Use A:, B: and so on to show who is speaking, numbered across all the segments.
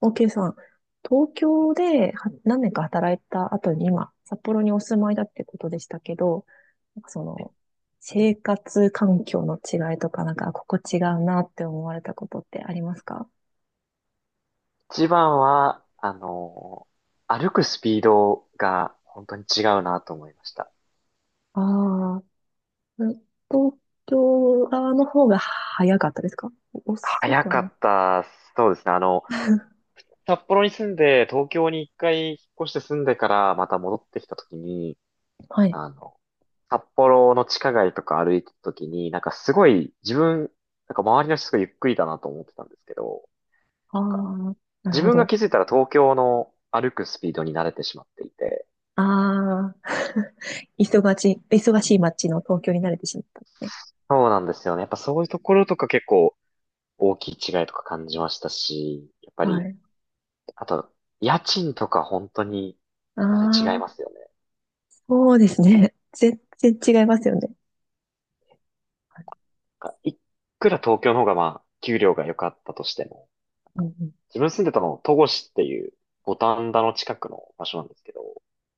A: OK さん、東京では何年か働いた後に今、札幌にお住まいだってことでしたけど、なんかその、生活環境の違いとか、なんか、ここ違うなって思われたことってありますか？
B: 一番は、歩くスピードが本当に違うなと思いました。
A: ああー、東京側の方が早かったですか？遅
B: 早
A: くは
B: か
A: ね。
B: った、そうですね。札幌に住んで、東京に一回引っ越して住んでから、また戻ってきた時に、
A: はい。
B: あの、札幌の地下街とか歩いてた時に、なんかすごい、なんか周りの人がゆっくりだなと思ってたんですけど、な
A: あ
B: んか
A: あ、なる
B: 自
A: ほ
B: 分が
A: ど。
B: 気づいたら東京の歩くスピードに慣れてしまっていて、
A: ああ、忙しい、忙しい街の東京に慣れてしまったんですね。
B: そうなんですよね。やっぱそういうところとか結構、大きい違いとか感じましたし、やっぱ
A: は
B: り、
A: い。
B: あと、家賃とか本当に
A: あ
B: 全然違いま
A: あ、
B: すよね。
A: そうですね。全然違いますよね。はい。
B: なんかいくら東京の方がまあ、給料が良かったとしても、
A: うん、うん。
B: 自分住んでたの、戸越っていう五反田の近くの場所なんですけど、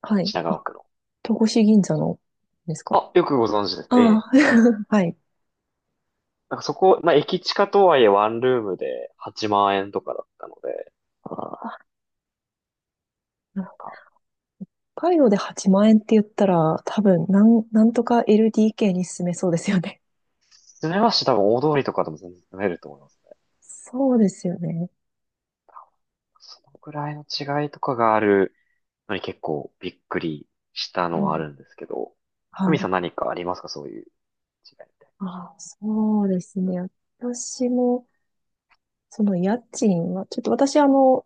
A: はい。
B: 品
A: あ、
B: 川区の。
A: 戸越銀座のですか？
B: あ、よくご存知です
A: あ
B: ね。え
A: あ、
B: え。うん。
A: はい。
B: なんかそこ、まあ、駅近とはいえワンルームで8万円とかだったので、
A: あー、
B: あ、
A: 北海道で8万円って言ったら、多分、なんとか LDK に進めそうですよね。
B: 住めますし多分大通りとかでも全然住めると思いますね。
A: そうですよね。
B: 多分そのくらいの違いとかがあるのに結構びっくりした
A: う
B: のはあ
A: ん。
B: るんですけど、久
A: は
B: 美さ
A: い。
B: ん何かありますかそういう違いみたい。
A: ああ、そうですね。私も、その家賃は、ちょっと私、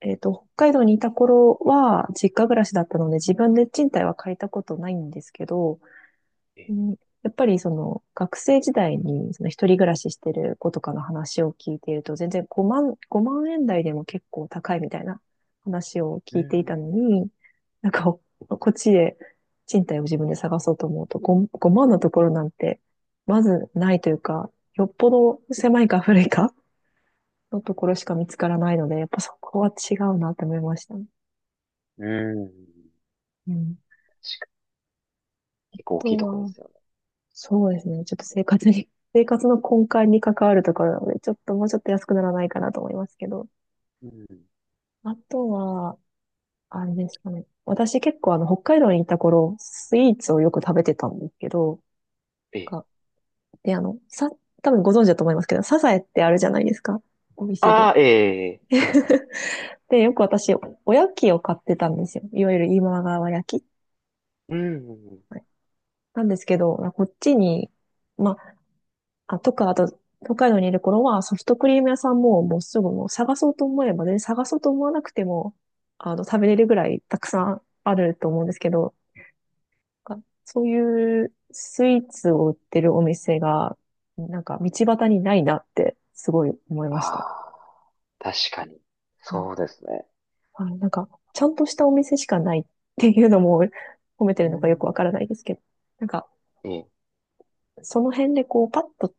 A: 北海道にいた頃は、実家暮らしだったので、自分で賃貸は借りたことないんですけど、
B: え
A: う
B: え、
A: ん。やっぱりその学生時代にその一人暮らししてる子とかの話を聞いていると全然5万円台でも結構高いみたいな話を
B: う
A: 聞いてい
B: ん、
A: たのに、なんかここっちで賃貸を自分で探そうと思うと 5, 万のところなんてまずないというか、よっぽど狭いか古いかのところしか見つからないので、やっぱそこは違うなって思いましたね。
B: うん。
A: うん。
B: 確かに。
A: あ
B: 結構大きい
A: と
B: ところで
A: は、
B: すよね。
A: そうですね。ちょっと生活に、生活の根幹に関わるところなので、ちょっともうちょっと安くならないかなと思いますけど。
B: うん。
A: あとは、あれですかね。私結構北海道にいた頃、スイーツをよく食べてたんですけど、
B: ええ。
A: がで、多分ご存知だと思いますけど、サザエってあるじゃないですか。お店で。
B: ああ、ええ、ええ。
A: で、よく私、おやきを買ってたんですよ。いわゆる今川焼き。
B: うん。
A: はい。なんですけど、こっちに、まあ、あ、とか、あと、北海道にいる頃はソフトクリーム屋さんももうすぐもう探そうと思えば、全然探そうと思わなくても、食べれるぐらいたくさんあると思うんですけど、なんかそういうスイーツを売ってるお店が、なんか道端にないなってすごい思いまし
B: あ
A: た。
B: あ、確かに。
A: はい。
B: そうですね。
A: はい。なんか、ちゃんとしたお店しかないっていうのも 褒めて
B: う
A: るのかよく
B: ん。
A: わからないですけど、なんか、
B: ええ。
A: その辺でこう、パッと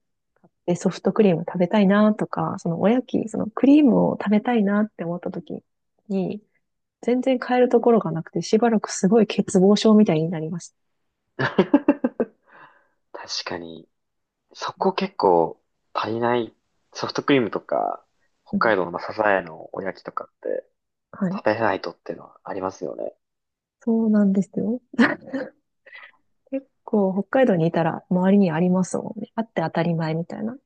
A: で、ソフトクリーム食べたいなとか、そのおやき、そのクリームを食べたいなって思った時に、全然買えるところがなくて、しばらくすごい欠乏症みたいになりました。
B: 確かに。そこ結構足りない。ソフトクリームとか、北
A: う
B: 海
A: ん。
B: 道のまあサザエのおやきとかって
A: はい。
B: 食べないとっていうのはありますよね。
A: そうなんですよ。結構北海道にいたら周りにありますもんね。あって当たり前みたいな。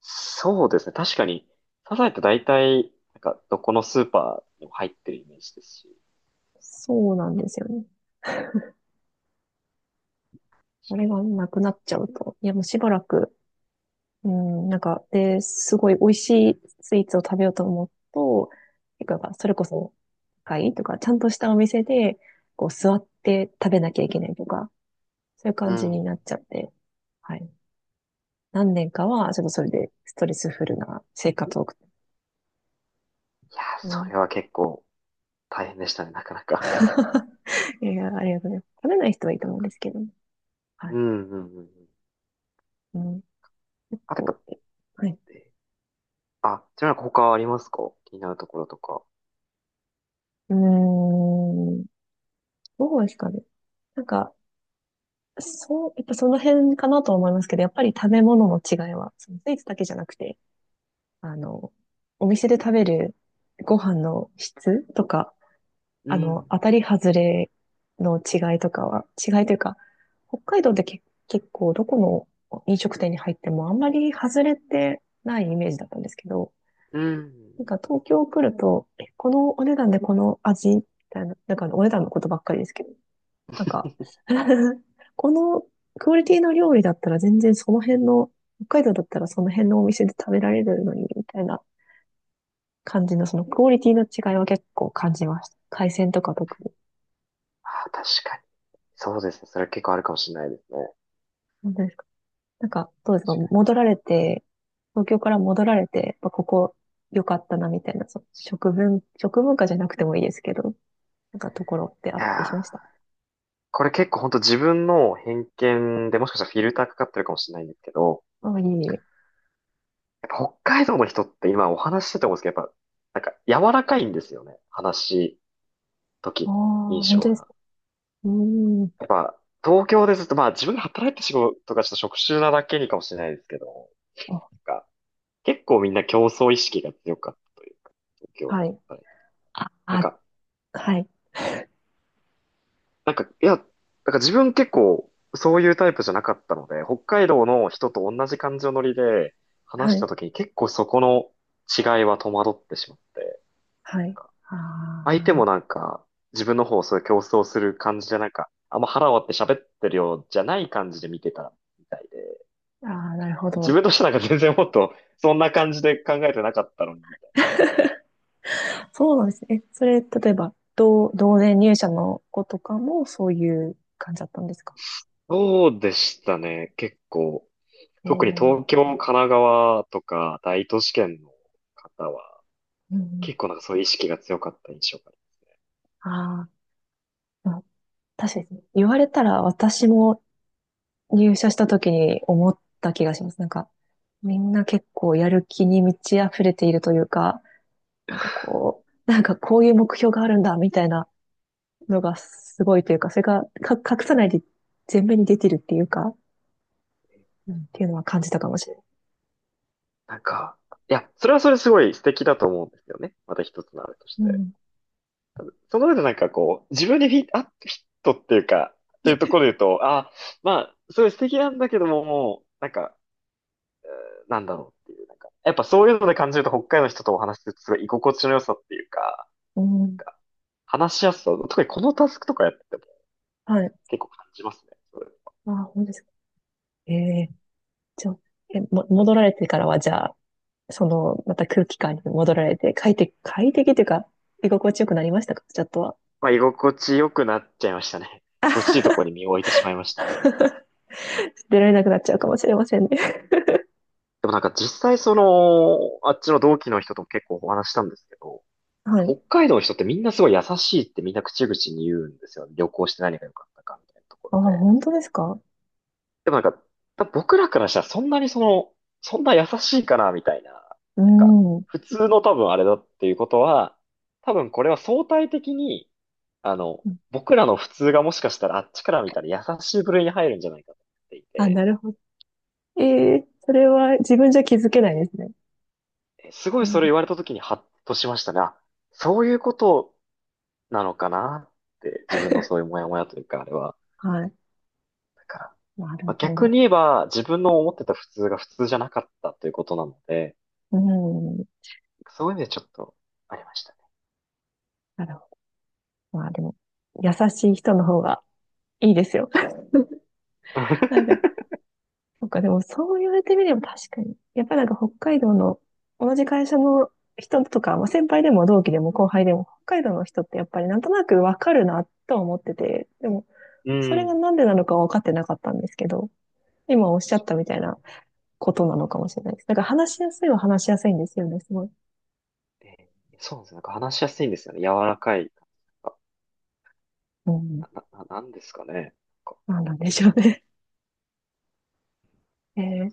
B: そうですね。確かに、サザエって大体、なんか、どこのスーパーにも入ってるイメージですし。
A: そうなんですよね。あれがなくなっちゃうと、いやもうしばらくうん、なんか、で、すごい美味しいスイーツを食べようと思うと、結構やっぱそれこそ、高いとか、ちゃんとしたお店で、こう、座って食べなきゃいけないとか、そういう
B: う
A: 感じにな
B: ん。
A: っちゃって、はい。何年かは、ちょっとそれでストレスフルな生活を送って、
B: いやー、
A: う
B: そ
A: ん。
B: れは結構大変でしたね、なかなか。
A: いや、ありがとうございます。食べない人はいいと思うんですけどね、はい。
B: うん、うん、うん。うん。
A: うん、結
B: あと
A: 構、
B: やっ
A: はい。
B: ぱ、え、あ、ちなみに他ありますか気になるところとか。
A: うーん、どうですかね。なんか、そう、やっぱその辺かなと思いますけど、やっぱり食べ物の違いは、そのスイーツだけじゃなくて、あの、お店で食べるご飯の質とか、
B: うん、
A: 当たり外れの違いとかは、違いというか、北海道って結構どこの飲食店に入ってもあんまり外れてないイメージだったんですけど、
B: う
A: なん
B: ん。
A: か東京来ると、このお値段でこの味みたいな、なんかお値段のことばっかりですけど、なんか このクオリティの料理だったら全然その辺の、北海道だったらその辺のお店で食べられるのに、みたいな感じの、そのクオリティの違いは結構感じました。海鮮とか特に。
B: あー、確かに。そうですね。それは結構あるかもしれないですね。確
A: 本当ですか？なんか、どうですか、
B: か
A: 戻られて、東京から戻られて、やっぱここ良かったな、みたいな、食文化じゃなくてもいいですけど、なんかとこ
B: に。い
A: ろってあっ
B: や
A: た
B: ー、
A: りしました？
B: これ結構本当自分の偏見でもしかしたらフィルターかかってるかもしれないんですけど、
A: あ、いえいえ。
B: やっぱ北海道の人って今お話ししてて思うんですけど、やっぱ、なんか柔らかいんですよね。話し
A: あ
B: 時
A: あ、
B: に印
A: 本
B: 象
A: 当です
B: が。
A: か？うーん。
B: やっぱ、東京ですと、まあ自分が働いて仕事がちょっと職種なだけにかもしれないですけど、
A: あ、
B: なんか、結構みんな競争意識が強かったというか、東京で
A: はい。
B: 働いて。
A: あ、
B: なん
A: あ、
B: か、
A: はい。
B: いや、自分結構そういうタイプじゃなかったので、北海道の人と同じ感情のノリで話
A: は
B: し
A: い。
B: た時に結構そこの違いは戸惑ってしまって。
A: はい。
B: 相手も
A: あ
B: なんか、自分の方をそういう競争する感じでなんか、あんま腹割って喋ってるようじゃない感じで見てたみたいで、
A: ー、あー、なるほ
B: 自
A: ど。
B: 分としてはなんか全然もっとそんな感じで考えてなかったのに、みたいな。
A: そうなんですね。それ、例えば、同年入社の子とかもそういう感じだったんですか？
B: そうでしたね、結構。
A: え
B: 特に
A: ー、
B: 東京、神奈川とか大都市圏の方は、
A: うん。
B: 結構なんかそういう意識が強かった印象がある。
A: ああ、うん。確かに言われたら私も入社した時に思った気がします。なんか、みんな結構やる気に満ち溢れているというか、なんかこう、なんかこういう目標があるんだ、みたいなのがすごいというか、それがか隠さないで前面に出てるっていうか、うんっていうのは感じたかもしれない。
B: なんか、いや、それはそれすごい素敵だと思うんですよね。また一つのあれとし
A: う
B: て。
A: ん、
B: その上でなんかこう、自分にフィット、あ、フィットっていうか、っていうところで言うと、あ、まあ、すごい素敵なんだけども、もう、なんか、なんだろう。やっぱそういうので感じると北海道の人とお話しするとすごい居心地の良さっていうか、
A: うん、
B: なんか話しやすさ、特にこのタスクとかやってても
A: はい。
B: 結構感じますね。それ
A: あ、ほんですか？ええ。じゃあ、戻られてからは、じゃあ、その、また空気感に戻られて、快適、快適というか、居心地よくなりましたか、ちょっとは。
B: まあ、居心地良くなっちゃいましたね。居心地いいところに身を置いてしまいました。
A: 出られなくなっちゃうかもしれませんね。
B: でもなんか実際その、あっちの同期の人とも結構お話したんですけど、
A: はい。
B: 北海道の人ってみんなすごい優しいってみんな口々に言うんですよ。旅行して何が良かったかみたいなとこ
A: あ
B: ろ
A: あ、
B: で。
A: 本当ですか？
B: でもなんか、多分僕らからしたらそんなにその、そんな優しいかなみたいな。
A: う
B: なんか、
A: ん。
B: 普通の多分あれだっていうことは、多分これは相対的に、あの、僕らの普通がもしかしたらあっちから見たら優しい部類に入るんじゃないかと思ってい
A: あ、な
B: て、
A: るほど。ええ。それは自分じゃ気づけないですね。
B: すご
A: う
B: いそれ
A: ん。
B: 言われた時にハッとしましたね。あ、そういうことなのかなって、自分のそういうモヤモヤというか、あれは
A: はい。
B: だから、
A: なる
B: まあ、
A: ほ
B: 逆
A: ど。
B: に言えば自分の思ってた普通が普通じゃなかったということなので、
A: うん。
B: そういう意味でちょっとありましたね。
A: なるほど。まあでも、優しい人の方がいいですよ。なん か、そうか、でもそう言われてみれば確かに。やっぱなんか北海道の同じ会社の人とか、まあ、先輩でも同期でも後輩でも北海道の人ってやっぱりなんとなくわかるなとは思ってて、でも
B: う
A: それが
B: ん。
A: なんでなのかは分かってなかったんですけど、今おっしゃったみたいなことなのかもしれないです。なんか話しやすいは話しやすいんですよね、すごい。
B: でそうなんですよ。なんか話しやすいんですよね。柔らかい。なん
A: うん。
B: なんですかね。なんか
A: なんなんでしょうね。えー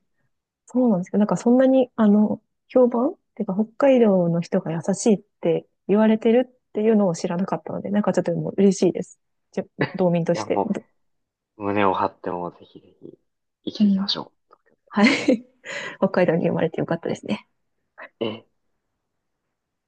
A: そうなんですけど、なんかそんなに、評判っていうか、北海道の人が優しいって言われてるっていうのを知らなかったので、なんかちょっともう嬉しいです。じゃ、道民と
B: い
A: し
B: や、
A: て。
B: もう、胸を張ってもぜひぜひ生き
A: う
B: ていきま
A: ん。
B: しょ
A: はい。北海道に生まれてよかったですね。
B: う。